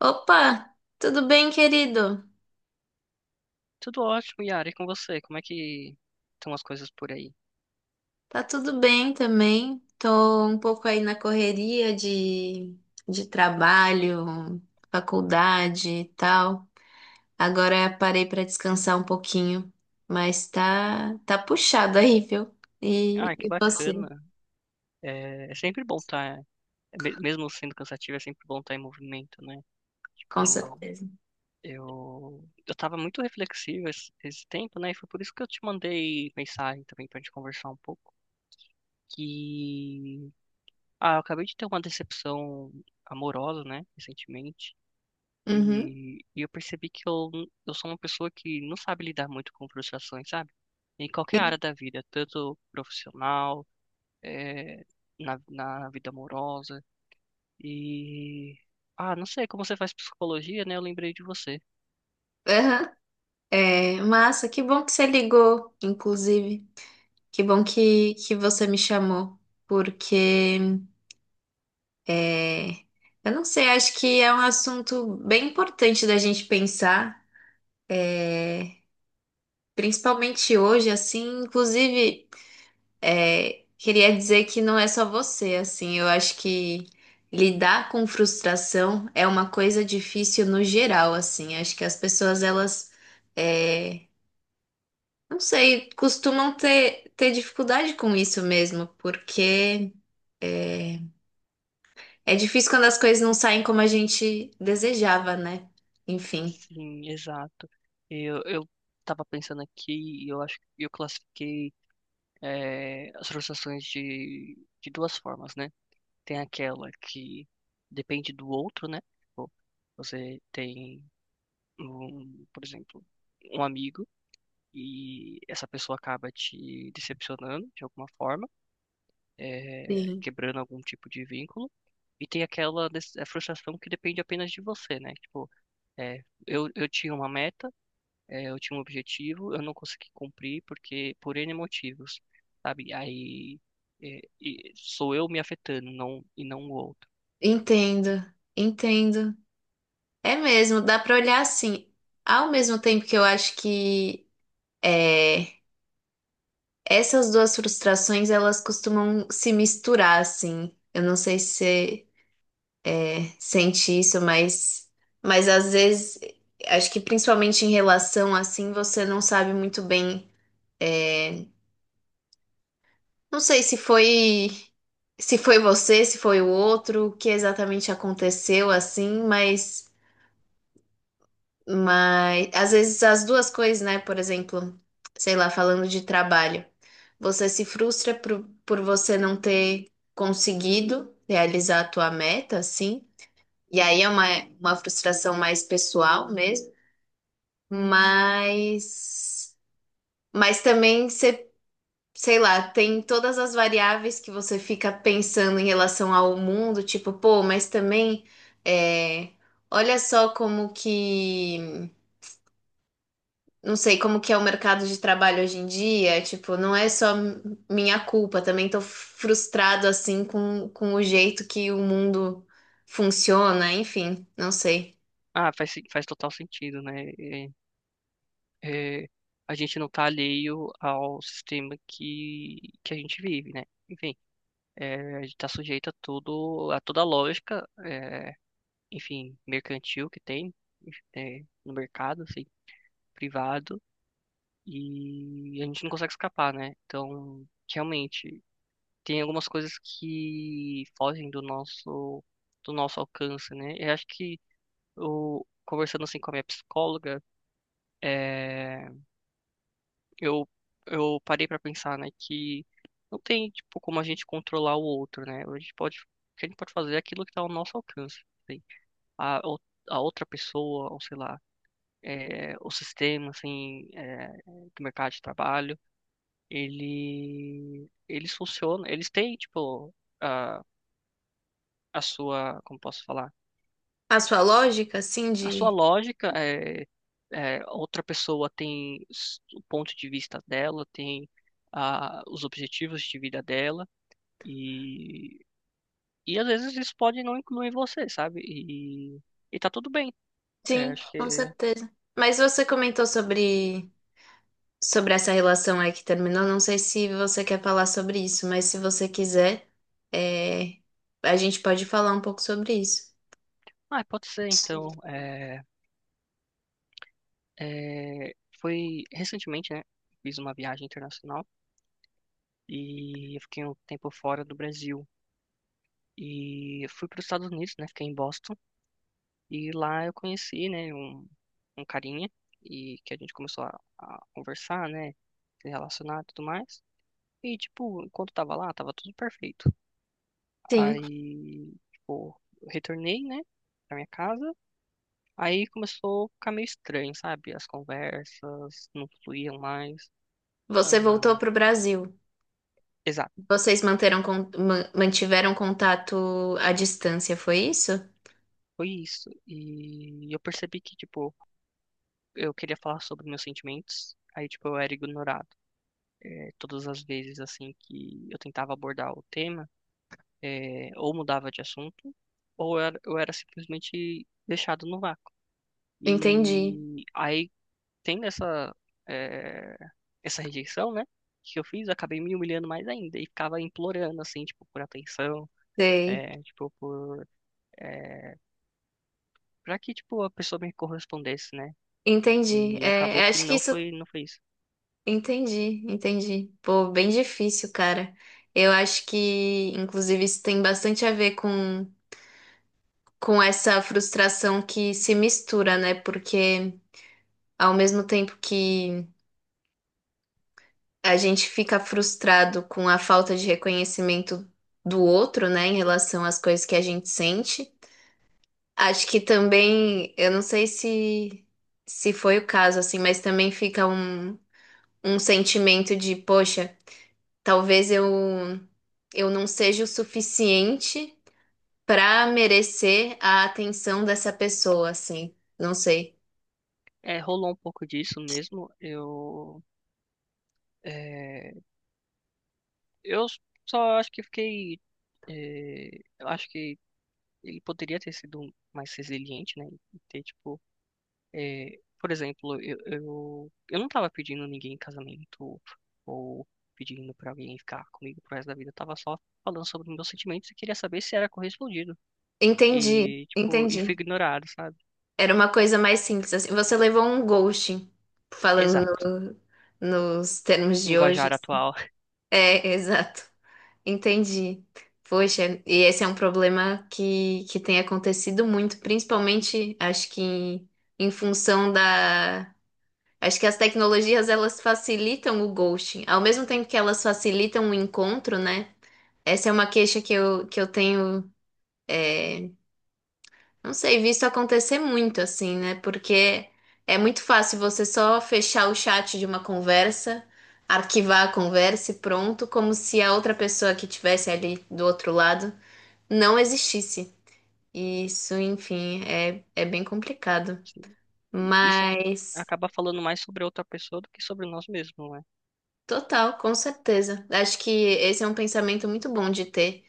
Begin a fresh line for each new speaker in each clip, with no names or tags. Opa, tudo bem, querido?
Tudo ótimo, Yara, e com você? Como é que estão as coisas por aí?
Tá tudo bem também. Tô um pouco aí na correria de trabalho, faculdade e tal. Agora parei pra descansar um pouquinho, mas tá puxado aí, viu?
Ah,
E,
que
e você,
bacana. É sempre bom estar, mesmo sendo cansativo, é sempre bom estar em movimento, né?
com
Tipo,
certeza.
eu tava muito reflexivo esse tempo, né? E foi por isso que eu te mandei mensagem também pra gente conversar um pouco. Que, ah, eu acabei de ter uma decepção amorosa, né? Recentemente.
Uhum.
E eu percebi que eu sou uma pessoa que não sabe lidar muito com frustrações, sabe? Em qualquer área da vida, tanto profissional, eh, na vida amorosa. E. Ah, não sei, como você faz psicologia, né? Eu lembrei de você.
Aham. É, massa, que bom que você ligou, inclusive. Que bom que você me chamou, porque é, eu não sei, acho que é um assunto bem importante da gente pensar, é, principalmente hoje, assim, inclusive, queria dizer que não é só você, assim, eu acho que lidar com frustração é uma coisa difícil no geral, assim, acho que as pessoas, elas, é, não sei, costumam ter dificuldade com isso mesmo, porque é, é difícil quando as coisas não saem como a gente desejava, né? Enfim,
Sim, exato. Eu tava pensando aqui e eu acho que eu classifiquei, as frustrações de duas formas, né? Tem aquela que depende do outro, né? Tipo, você tem um, por exemplo, um amigo e essa pessoa acaba te decepcionando de alguma forma, é,
sim,
quebrando algum tipo de vínculo. E tem a frustração que depende apenas de você, né? Tipo, é, eu tinha uma meta, é, eu tinha um objetivo, eu não consegui cumprir porque por N motivos, sabe? Aí é, e sou eu me afetando, não, e não o outro.
entendo, entendo. É mesmo, dá pra olhar assim. Ao mesmo tempo que eu acho que é, essas duas frustrações, elas costumam se misturar, assim. Eu não sei se você sente isso, mas às vezes, acho que principalmente em relação, assim, você não sabe muito bem. é, Não sei se foi se foi você, se foi o outro, o que exatamente aconteceu assim, mas às vezes as duas coisas, né? Por exemplo, sei lá, falando de trabalho, você se frustra por você não ter conseguido realizar a tua meta, assim, e aí é uma frustração mais pessoal mesmo, mas mas também você sei lá, tem todas as variáveis que você fica pensando em relação ao mundo, tipo, pô, mas também é, olha só como que, não sei, como que é o mercado de trabalho hoje em dia, tipo, não é só minha culpa, também tô frustrado assim com o jeito que o mundo funciona, enfim, não sei.
Ah, faz total sentido, né? É, é, a gente não está alheio ao sistema que a gente vive, né? Enfim, é, a gente está sujeito a tudo, a toda a lógica, é, enfim, mercantil que tem, é, no mercado, assim, privado, e a gente não consegue escapar, né? Então, realmente, tem algumas coisas que fogem do nosso alcance, né? Eu acho que o, conversando assim com a minha psicóloga, é, eu, eu parei pra pensar, né, que não tem, tipo, como a gente controlar o outro, né? A gente pode, o que a gente pode fazer é aquilo que tá ao nosso alcance, assim. A, ou- a outra pessoa, ou sei lá, é, o sistema, assim, é, do mercado de trabalho, ele, eles funcionam, eles têm, tipo, a, a sua, como posso falar?
A sua lógica, assim,
A sua
de...
lógica é, é, outra pessoa o ponto de vista dela, tem a, os objetivos de vida dela, E, e às vezes isso pode não incluir você, sabe? E tá tudo bem. É,
Sim,
acho
com
que.
certeza. Mas você comentou sobre sobre essa relação aí que terminou, não sei se você quer falar sobre isso, mas se você quiser, é, a gente pode falar um pouco sobre isso.
Ah, pode ser então. É, é, foi recentemente, né? Fiz uma viagem internacional e eu fiquei um tempo fora do Brasil. E eu fui para os Estados Unidos, né? Fiquei em Boston. E lá eu conheci, né? Um carinha. E que a gente começou a conversar, né? Se relacionar e tudo mais. E, tipo, enquanto tava lá, tava tudo perfeito.
Sim,
Aí, tipo, retornei, né, pra minha casa. Aí começou a ficar meio estranho, sabe? As conversas não fluíam mais.
você voltou
Ahn,
para o Brasil.
exato,
Vocês manteram, mantiveram contato à distância, foi isso?
foi isso. E eu percebi que, tipo, eu queria falar sobre meus sentimentos. Aí, tipo, eu era ignorado. É, todas as vezes, assim, que eu tentava abordar o tema, é, ou mudava de assunto, ou eu era simplesmente deixado no vácuo.
Entendi,
E aí tendo eh, essa rejeição, né? Que eu fiz, eu acabei me humilhando mais ainda e ficava implorando, assim, tipo, por atenção,
sei.
tipo, por, para que, tipo, a pessoa me correspondesse, né?
Entendi.
E acabou
É,
que
acho que isso.
não foi isso.
Entendi, entendi. Pô, bem difícil, cara. Eu acho que, inclusive, isso tem bastante a ver com essa frustração que se mistura, né? Porque ao mesmo tempo que a gente fica frustrado com a falta de reconhecimento do outro, né, em relação às coisas que a gente sente, acho que também, eu não sei se foi o caso assim, mas também fica um, um sentimento de, poxa, talvez eu não seja o suficiente para merecer a atenção dessa pessoa, assim. Não sei.
É, rolou um pouco disso mesmo. Eu, eh, eu só acho que fiquei, eh, eu acho que ele poderia ter sido mais resiliente, né? E ter, tipo, é, por exemplo, eu não tava pedindo ninguém em casamento ou pedindo pra alguém ficar comigo pro resto da vida. Eu tava só falando sobre meus sentimentos e queria saber se era correspondido.
Entendi,
E, tipo, e fui
entendi.
ignorado, sabe?
Era uma coisa mais simples, assim. Você levou um ghosting, falando
Exato.
nos termos de hoje.
Linguajar atual.
É, exato. Entendi. Poxa, e esse é um problema que tem acontecido muito, principalmente, acho que em, em função da... Acho que as tecnologias, elas facilitam o ghosting. Ao mesmo tempo que elas facilitam o encontro, né? Essa é uma queixa que que eu tenho, é, não sei, vi isso acontecer muito assim, né? Porque é muito fácil você só fechar o chat de uma conversa, arquivar a conversa e pronto, como se a outra pessoa que estivesse ali do outro lado não existisse. E isso, enfim, é, é bem complicado.
Assim, isso
Mas,
acaba falando mais sobre a outra pessoa do que sobre nós mesmos, não é?
total, com certeza. Acho que esse é um pensamento muito bom de ter,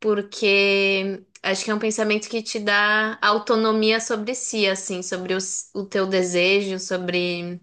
porque acho que é um pensamento que te dá autonomia sobre si, assim, sobre o teu desejo, sobre.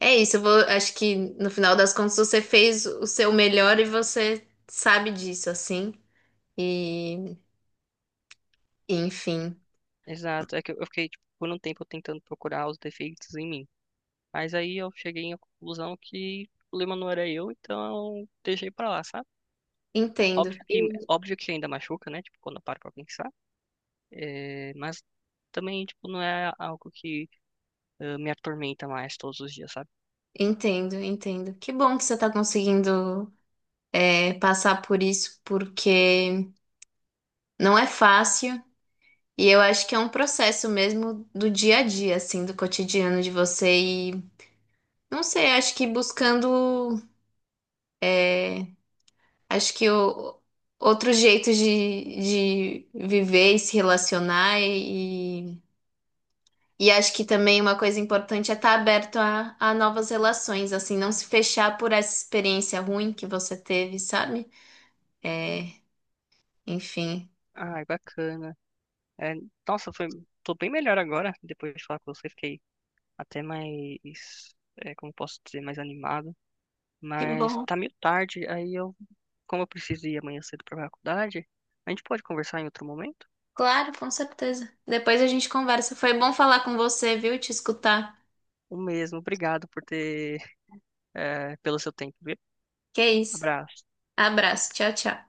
É isso, eu vou, acho que no final das contas você fez o seu melhor e você sabe disso, assim. E, enfim,
Exato. É que eu fiquei, tipo, por um tempo tentando procurar os defeitos em mim. Mas aí eu cheguei à conclusão que o problema não era eu, então deixei pra lá, sabe?
entendo,
Óbvio que ainda machuca, né? Tipo, quando eu paro pra pensar. É, mas também, tipo, não é algo que ah, me atormenta mais todos os dias, sabe?
entendo. Que bom que você está conseguindo passar por isso, porque não é fácil. E eu acho que é um processo mesmo do dia a dia, assim, do cotidiano de você. E não sei, acho que buscando é, acho que o, outro jeito de viver e se relacionar e acho que também uma coisa importante é estar aberto a novas relações, assim, não se fechar por essa experiência ruim que você teve, sabe? É, enfim,
Ai, bacana. É, nossa, foi, tô bem melhor agora. Depois de falar com você, fiquei até mais, é, como posso dizer, mais animado.
que
Mas
bom.
tá meio tarde, aí eu, como eu preciso ir amanhã cedo pra faculdade, a gente pode conversar em outro momento?
Claro, com certeza. Depois a gente conversa. Foi bom falar com você, viu? Te escutar.
O mesmo, obrigado por ter, é, pelo seu tempo, viu?
Que é isso.
Abraço.
Abraço. Tchau, tchau.